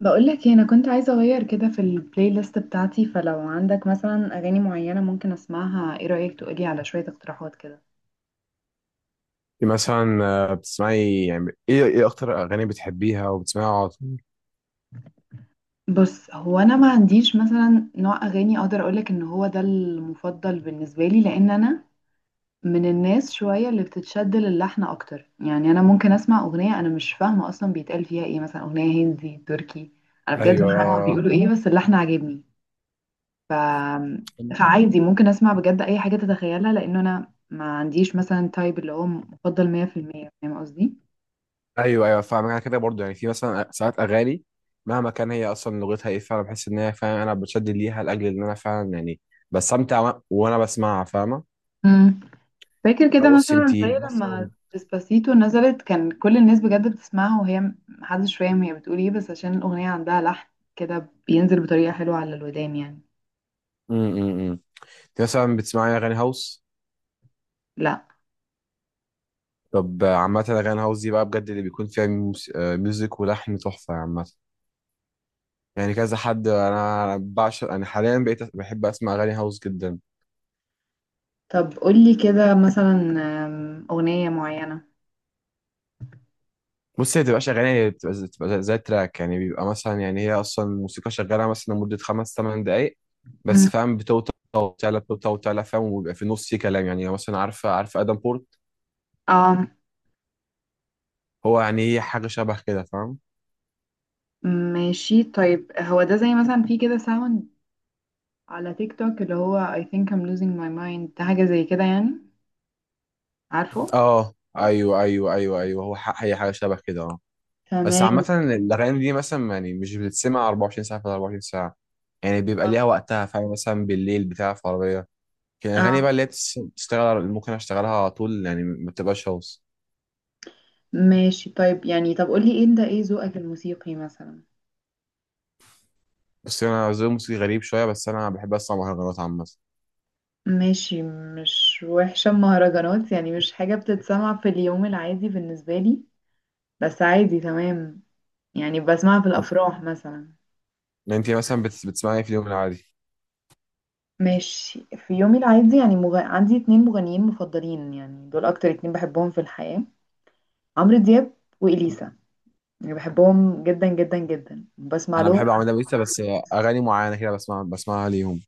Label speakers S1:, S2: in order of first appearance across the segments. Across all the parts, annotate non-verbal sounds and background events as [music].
S1: بقول لك انا كنت عايزه اغير كده في البلاي ليست بتاعتي، فلو عندك مثلا اغاني معينه ممكن اسمعها. ايه رايك تقولي على شويه اقتراحات كده.
S2: مثلا. بتسمعي يعني ايه اكتر اغاني بتحبيها وبتسمعيها على طول؟
S1: بص هو انا ما عنديش مثلا نوع اغاني اقدر اقولك ان هو ده المفضل بالنسبه لي، لان انا من الناس شويه اللي بتتشد للحن اكتر. يعني انا ممكن اسمع اغنيه انا مش فاهمه اصلا بيتقال فيها ايه، مثلا اغنيه هندي تركي. انا بجد مش فاهمه هما
S2: ايوه،
S1: بيقولوا ايه بس اللحن عاجبني. ف... فعادي ممكن اسمع بجد اي حاجة تتخيلها، لانه انا ما عنديش مثلا تايب اللي هو مفضل 100% فاهم قصدي.
S2: ايوه، ايوه، فاهم. انا كده برضو، يعني في مثلا ساعات اغاني مهما كان هي اصلا لغتها ايه، فعلا بحس ان هي فعلا انا بتشد ليها، لاجل ان انا فعلا يعني بستمتع وانا بسمعها، فاهمه؟
S1: مم. فاكر كده
S2: فبص،
S1: مثلا زي لما
S2: مثلا
S1: ديسباسيتو نزلت كان كل الناس بجد بتسمعها وهي محدش فاهم هي بتقول ايه، بس عشان الاغنية عندها لحن كده بينزل بطريقة حلوة على الودان يعني.
S2: امم انت مثلا بتسمعي اغاني هاوس؟
S1: لا.
S2: طب، عامه اغاني هاوس دي بقى بجد اللي بيكون فيها ميوزك ولحن تحفه، عامه يعني. كذا حد انا بعشق، انا حاليا بقيت بحب اسمع اغاني هاوس جدا.
S1: طب قولي كده مثلا أغنية معينة.
S2: بص، هي بتبقاش أغاني، هي بتبقى زي تراك يعني. بيبقى مثلا يعني هي أصلا الموسيقى شغالة مثلا لمدة 5-8 دقايق،
S1: مم.
S2: بس فاهم، بتوطى وتعلى، بتوطى وتعلى، فاهم، وبيبقى في النص في كلام. يعني مثلا عارفة آدم بورت،
S1: اه،
S2: هو يعني هي حاجة شبه كده، فاهم؟
S1: ماشي. طيب هو ده زي مثلا في كده ساوند على تيك توك اللي هو I think I'm losing my mind، ده حاجة زي كده يعني، عارفه.
S2: اه، أيوه، أيوه، أيوه، أيوه. هو هي حاجة شبه كده، اه. بس
S1: تمام.
S2: عامة الأغاني دي مثلا يعني مش بتتسمع 24 ساعة في 24 ساعة، يعني بيبقى
S1: اه.
S2: ليها وقتها، فاهم؟ مثلا بالليل بتاع في عربية، كان الأغاني
S1: آه.
S2: بقى اللي هي بتشتغل ممكن أشتغلها على طول، يعني ما بتبقاش هوس.
S1: ماشي طيب، يعني طب قولي ايه ده، ايه ذوقك الموسيقي مثلا.
S2: بس انا ذوقي الموسيقي غريب شويه، بس انا بحب اسمع مهرجانات، عامه.
S1: ماشي، مش وحشة مهرجانات، يعني مش حاجة بتتسمع في اليوم العادي بالنسبة لي، بس عادي تمام. يعني بسمعها في الأفراح مثلا.
S2: انت مثلا بتسمعي إيه في اليوم العادي؟
S1: ماشي، في يومي العادي يعني عندي اتنين مغنيين مفضلين، يعني دول أكتر اتنين بحبهم في الحياة: عمرو دياب وإليسا. يعني بحبهم جدا جدا جدا، بسمع
S2: انا
S1: لهم.
S2: بحب اعمل لها بس اغاني معينه كده، بسمعها ليهم.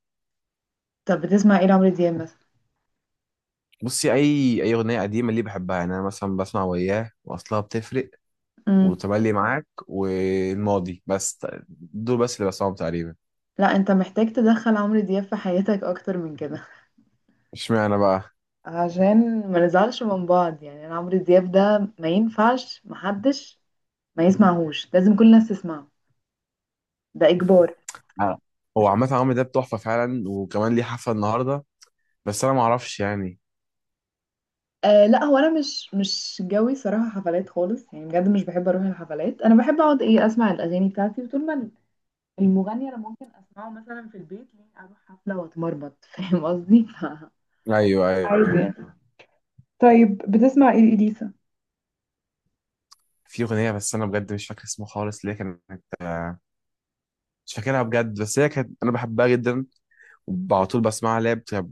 S1: طب بتسمع ايه لعمرو دياب مثلا.
S2: بصي، اي اغنيه قديمه اللي بحبها، يعني انا مثلا بسمع وياه، واصلها بتفرق،
S1: امم.
S2: وتملي معاك، والماضي، بس دول بس اللي بسمعهم تقريبا.
S1: لا، انت محتاج تدخل عمرو دياب في حياتك اكتر من كده.
S2: اشمعنى بقى؟
S1: [laughs] عشان ما نزعلش من بعض، يعني انا عمرو دياب ده ما ينفعش محدش ما يسمعهوش، لازم كل الناس تسمعه، ده اجبار.
S2: أنا- هو
S1: مش
S2: عامه عمرو ده تحفه فعلا، وكمان ليه حفله النهارده، بس انا ما اعرفش يعني.
S1: آه. لا، هو انا مش جوي صراحه حفلات خالص، يعني بجد مش بحب اروح الحفلات. انا بحب اقعد ايه اسمع الاغاني بتاعتي، وطول ما المغني انا ممكن اسمعه مثلا في البيت ليه اروح حفله واتمرمط. [laughs] فاهم قصدي.
S2: ايوه،
S1: عادي
S2: ايوه.
S1: يعني. طيب بتسمع ايه لإليسا.
S2: في اغنيه بس انا بجد مش فاكر اسمها خالص، ليه كانت، مش فاكرها بجد، بس هي كانت انا بحبها جدا وعلى طول بسمعها، اللي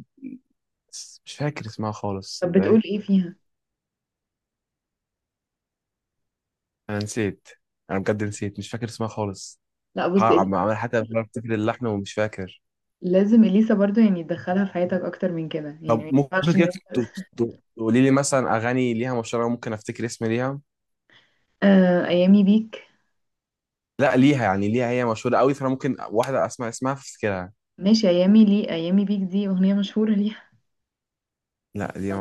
S2: مش فاكر اسمها خالص
S1: طب بتقول
S2: صدقني.
S1: ايه فيها.
S2: انا نسيت، انا بجد نسيت، مش فاكر اسمها خالص.
S1: لا بص إليسا
S2: عمال حتى بحاول افتكر اللحن ومش فاكر.
S1: لازم اليسا برضو يعني تدخلها في حياتك اكتر من كده، يعني
S2: طب
S1: ما
S2: ممكن
S1: ينفعش ان.
S2: كده تقولي لي مثلا اغاني ليها مشهوره ممكن افتكر اسم ليها؟
S1: آه، ايامي بيك.
S2: لا، ليها هي مشهوره قوي، فانا ممكن واحده اسمع اسمها فافتكرها.
S1: ماشي، ايامي ليه، ايامي بيك دي اغنيه مشهوره ليها.
S2: لا دي
S1: طب
S2: ما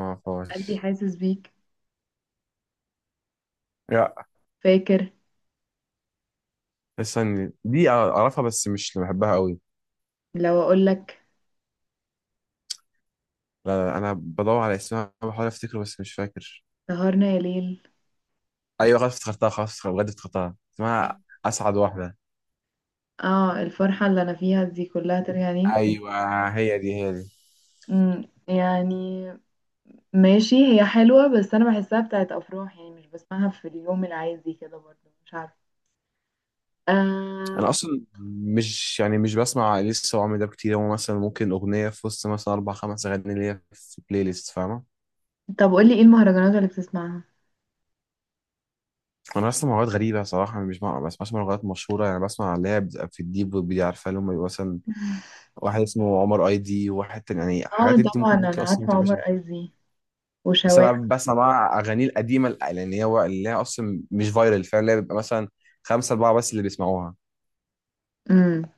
S1: قلبي
S2: اعرفهاش.
S1: حاسس بيك،
S2: لا
S1: فاكر.
S2: استني، دي اعرفها بس مش اللي بحبها قوي.
S1: لو اقول لك
S2: لا، لا، انا بدور على اسمها بحاول افتكره بس مش فاكر.
S1: سهرنا يا ليل.
S2: ايوه خلاص افتكرتها، خلاص بجد افتكرتها، اسمها اسعد واحده.
S1: اه. الفرحه اللي انا فيها دي كلها ترجع لي.
S2: ايوه، هي دي، هي دي.
S1: يعني ماشي هي حلوه، بس انا بحسها بتاعت افراح، يعني مش بسمعها في اليوم العادي كده، برضو مش عارفه.
S2: انا
S1: آه.
S2: اصلا مش بسمع لسه، وعمري ده كتير، هو مثلا ممكن اغنيه في وسط مثلا اربع خمس اغاني ليا في بلاي ليست، فاهمه؟
S1: طب قولي ايه المهرجانات اللي بتسمعها.
S2: انا بسمع لغات غريبه صراحه، أنا مش بسمع- ما بسمعش لغات مشهوره يعني، بسمع اللي هي بتبقى في الديب ويب دي، عارفه؟ اللي هم بيبقوا مثلا واحد اسمه عمر اي دي، وواحد تاني، يعني
S1: اه
S2: حاجات انت
S1: طبعا،
S2: ممكن
S1: انا
S2: اصلا ما
S1: عارفه
S2: تبقاش.
S1: عمر ايزي
S2: بس انا
S1: وشواح.
S2: بسمع بقى اغاني القديمه، لان هي اللي هي اصلا مش فايرال فعلا، اللي هي بيبقى مثلا خمسه اربعه بس اللي بيسمعوها.
S1: امم.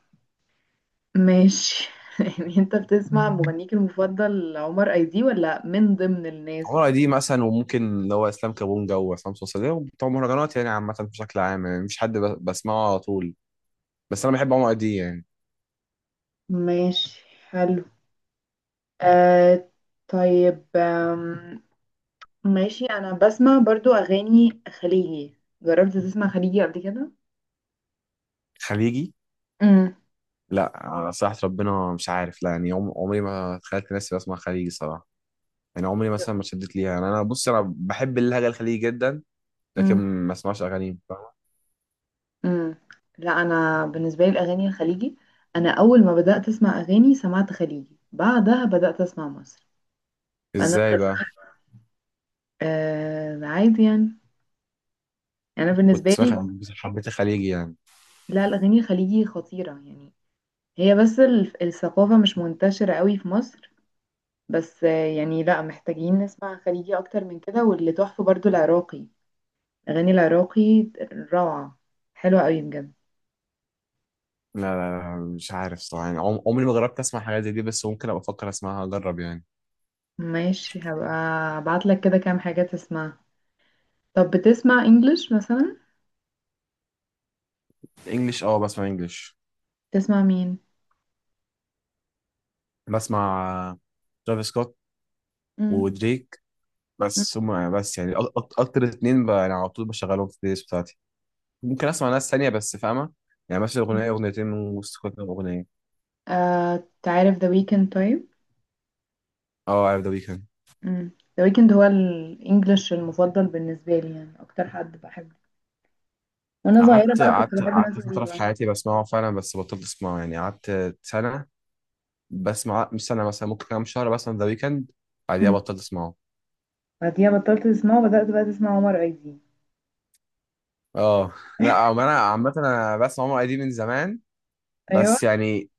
S1: ماشي. [laughs] يعني انت بتسمع مغنيك المفضل عمر ايزي، ولا من ضمن الناس.
S2: عمارة دي مثلا، وممكن اللي هو اسلام كابونجا وعصام صوصة، ده بتوع مهرجانات يعني، عامة بشكل عام يعني مفيش حد بسمعه على طول، بس انا بحب عمرو دي يعني.
S1: ماشي حلو. آه. طيب. ماشي انا بسمع برضو اغاني خليجي. جربت تسمع خليجي قبل كده؟
S2: خليجي؟
S1: امم.
S2: لا على صراحة ربنا مش عارف، لا يعني عمري ما تخيلت نفسي بسمع خليجي صراحة، يعني عمري مثلا ما اتشدت ليها، يعني انا بص انا بحب اللهجة الخليجي جدا لكن
S1: امم.
S2: ما اسمعش اغانيهم، فاهمة؟
S1: امم. لا انا بالنسبه لي الاغاني الخليجي، انا اول ما بدات اسمع اغاني سمعت خليجي، بعدها بدات اسمع مصر. فانا
S2: ازاي
S1: الخليجي
S2: بقى؟
S1: آه عادي يعني، انا
S2: كنت
S1: بالنسبه
S2: سمعت-
S1: لي.
S2: حبيت الخليجي يعني.
S1: لا، الاغاني الخليجي خطيره يعني. هي بس ال- الثقافه مش منتشره قوي في مصر. بس آه يعني لا، محتاجين نسمع خليجي اكتر من كده. واللي تحفه برضو العراقي، اغاني العراقي روعه، حلوه قوي بجد.
S2: لا، لا، لا، مش عارف صراحة يعني عمري ما جربت اسمع حاجات زي دي، بس ممكن ابقى افكر اسمعها اجرب يعني.
S1: ماشي، هبقى ابعت لك كده كام حاجه تسمعها. طب بتسمع انجلش مثلا؟
S2: انجلش؟ اه بسمع انجلش.
S1: تسمع مين؟
S2: بسمع ترافيس سكوت
S1: امم.
S2: ودريك، بس هم بس يعني اكتر اتنين يعني على طول بشغلهم في البلاي ليست بتاعتي، ممكن اسمع ناس تانية بس، فاهمة؟ يعني مثلا اغنية اغنيتين من وسط كل كام اغنية.
S1: آه تعرف ذا ويكند؟ طيب.
S2: اه عارف ذا ويكند.
S1: امم. ذا ويكند هو الانجليش المفضل بالنسبه لي، يعني اكتر حد بحبه. وانا صغيره
S2: قعدت
S1: بقى كنت
S2: قعدت
S1: بحب ناس
S2: قعدت فترة في
S1: غريبه.
S2: حياتي بسمعه فعلا، بس بطلت اسمعه، يعني قعدت سنة بسمع، مش سنة، مثلا ممكن كام شهر بسمع ذا ويكند، بعديها
S1: مم.
S2: بطلت اسمعه.
S1: بعديها بطلت اسمعه وبدات بقى اسمع عمر ايدي.
S2: اه، لا انا عامة انا بسمع عمر قديم من زمان
S1: ايوه.
S2: بس يعني،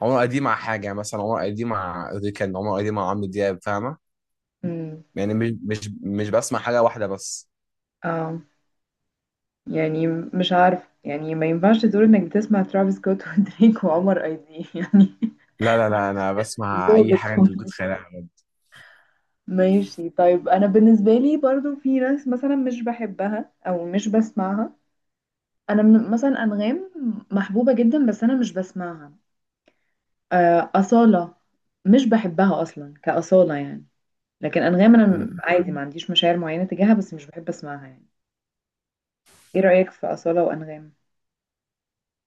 S2: عمر ادي مع حاجه يعني، مثلا عمر ادي مع ريكان، عمر ادي مع عمرو دياب، فاهمه؟
S1: امم.
S2: يعني مش بسمع حاجه واحده بس.
S1: اه. يعني مش عارف، يعني ما ينفعش تقول انك بتسمع ترافيس سكوت [laughs] ودريك وعمر ايدي [laughs] يعني.
S2: لا، لا، لا، انا بسمع اي
S1: ظابط
S2: حاجه انت
S1: خالص.
S2: ممكن تتخيلها.
S1: ماشي طيب، انا بالنسبه لي برضو في ناس مثلا مش بحبها او مش بسمعها. انا من مثلا انغام، محبوبه جدا بس انا مش بسمعها. آه، أصالة مش بحبها أصلا كأصالة يعني. لكن أنغام أنا
S2: أمم.
S1: عادي ما عنديش مشاعر معينة تجاهها، بس مش بحب أسمعها يعني. إيه رأيك في أصالة وأنغام؟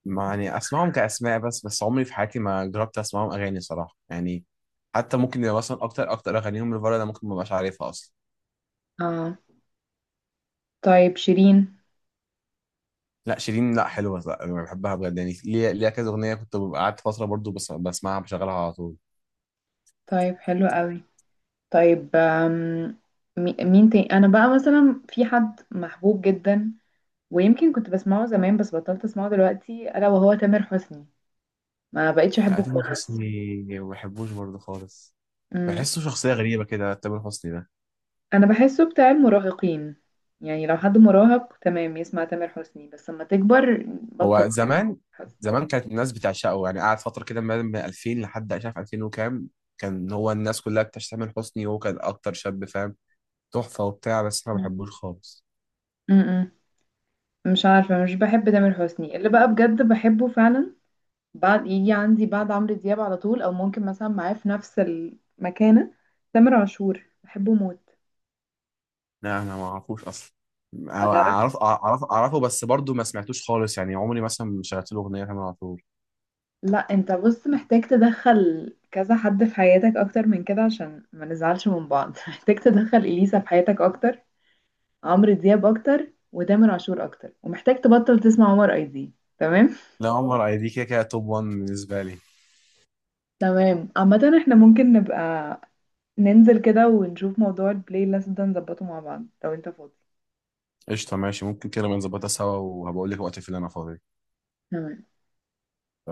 S2: ما يعني اسمعهم كاسماء بس عمري في حياتي ما جربت اسمعهم اغاني صراحه يعني، حتى ممكن يبقى مثلا اكتر اغانيهم لفاره انا ممكن ما ابقاش عارفها اصلا.
S1: آه. طيب شيرين.
S2: لا، شيرين لا، حلوه، لا أنا بحبها بجد يعني، ليها كذا اغنيه، كنت ببقى قعدت فتره برضو بس بسمعها، بشغلها على طول.
S1: طيب حلو قوي. طيب. مين تاني. أنا بقى مثلا في حد محبوب جدا ويمكن كنت بسمعه زمان بس بطلت أسمعه دلوقتي، ألا وهو تامر حسني. ما بقيتش
S2: لا
S1: أحبه
S2: تامر
S1: خالص.
S2: حسني ما بحبوش برضو خالص، بحسه شخصيه غريبه كده تامر حسني ده.
S1: انا بحسه بتاع المراهقين، يعني لو حد مراهق تمام يسمع تامر حسني، بس لما تكبر بطل
S2: هو
S1: تامر
S2: زمان،
S1: حسني.
S2: زمان كانت الناس بتعشقه يعني، قعد فترة كده من 2000 لحد مش عارف 2000 وكام، كان هو الناس كلها بتشتمل حسني، وهو كان أكتر شاب، فاهم، تحفة وبتاع، بس أنا ما بحبوش خالص.
S1: م-م. مش عارفه، مش بحب تامر حسني. اللي بقى بجد بحبه فعلا بعد، يجي عندي بعد عمرو دياب على طول، او ممكن مثلا معاه في نفس المكانه، تامر عاشور. بحبه موت.
S2: لا أنا ما أعرفوش أصلا،
S1: ما تعرفش.
S2: أعرفه بس برضه ما سمعتوش خالص، يعني عمري مثلا ما شغلت له أغنية تامر عاشور.
S1: لا انت بص، محتاج تدخل كذا حد في حياتك اكتر من كده عشان ما نزعلش من بعض. [laughs] محتاج تدخل اليسا في حياتك اكتر، عمرو دياب اكتر، وتامر عاشور اكتر، ومحتاج تبطل تسمع عمر اي دي. تمام.
S2: لا، عمر أي دي كده كده توب 1 بالنسبة لي.
S1: تمام. عامة احنا ممكن نبقى ننزل كده ونشوف موضوع البلاي ليست ده نظبطه مع بعض لو انت فاضي.
S2: قشطة، ماشي، ممكن كده بنظبطها سوا وهبقول لك وقت في اللي أنا فاضي.
S1: تمام.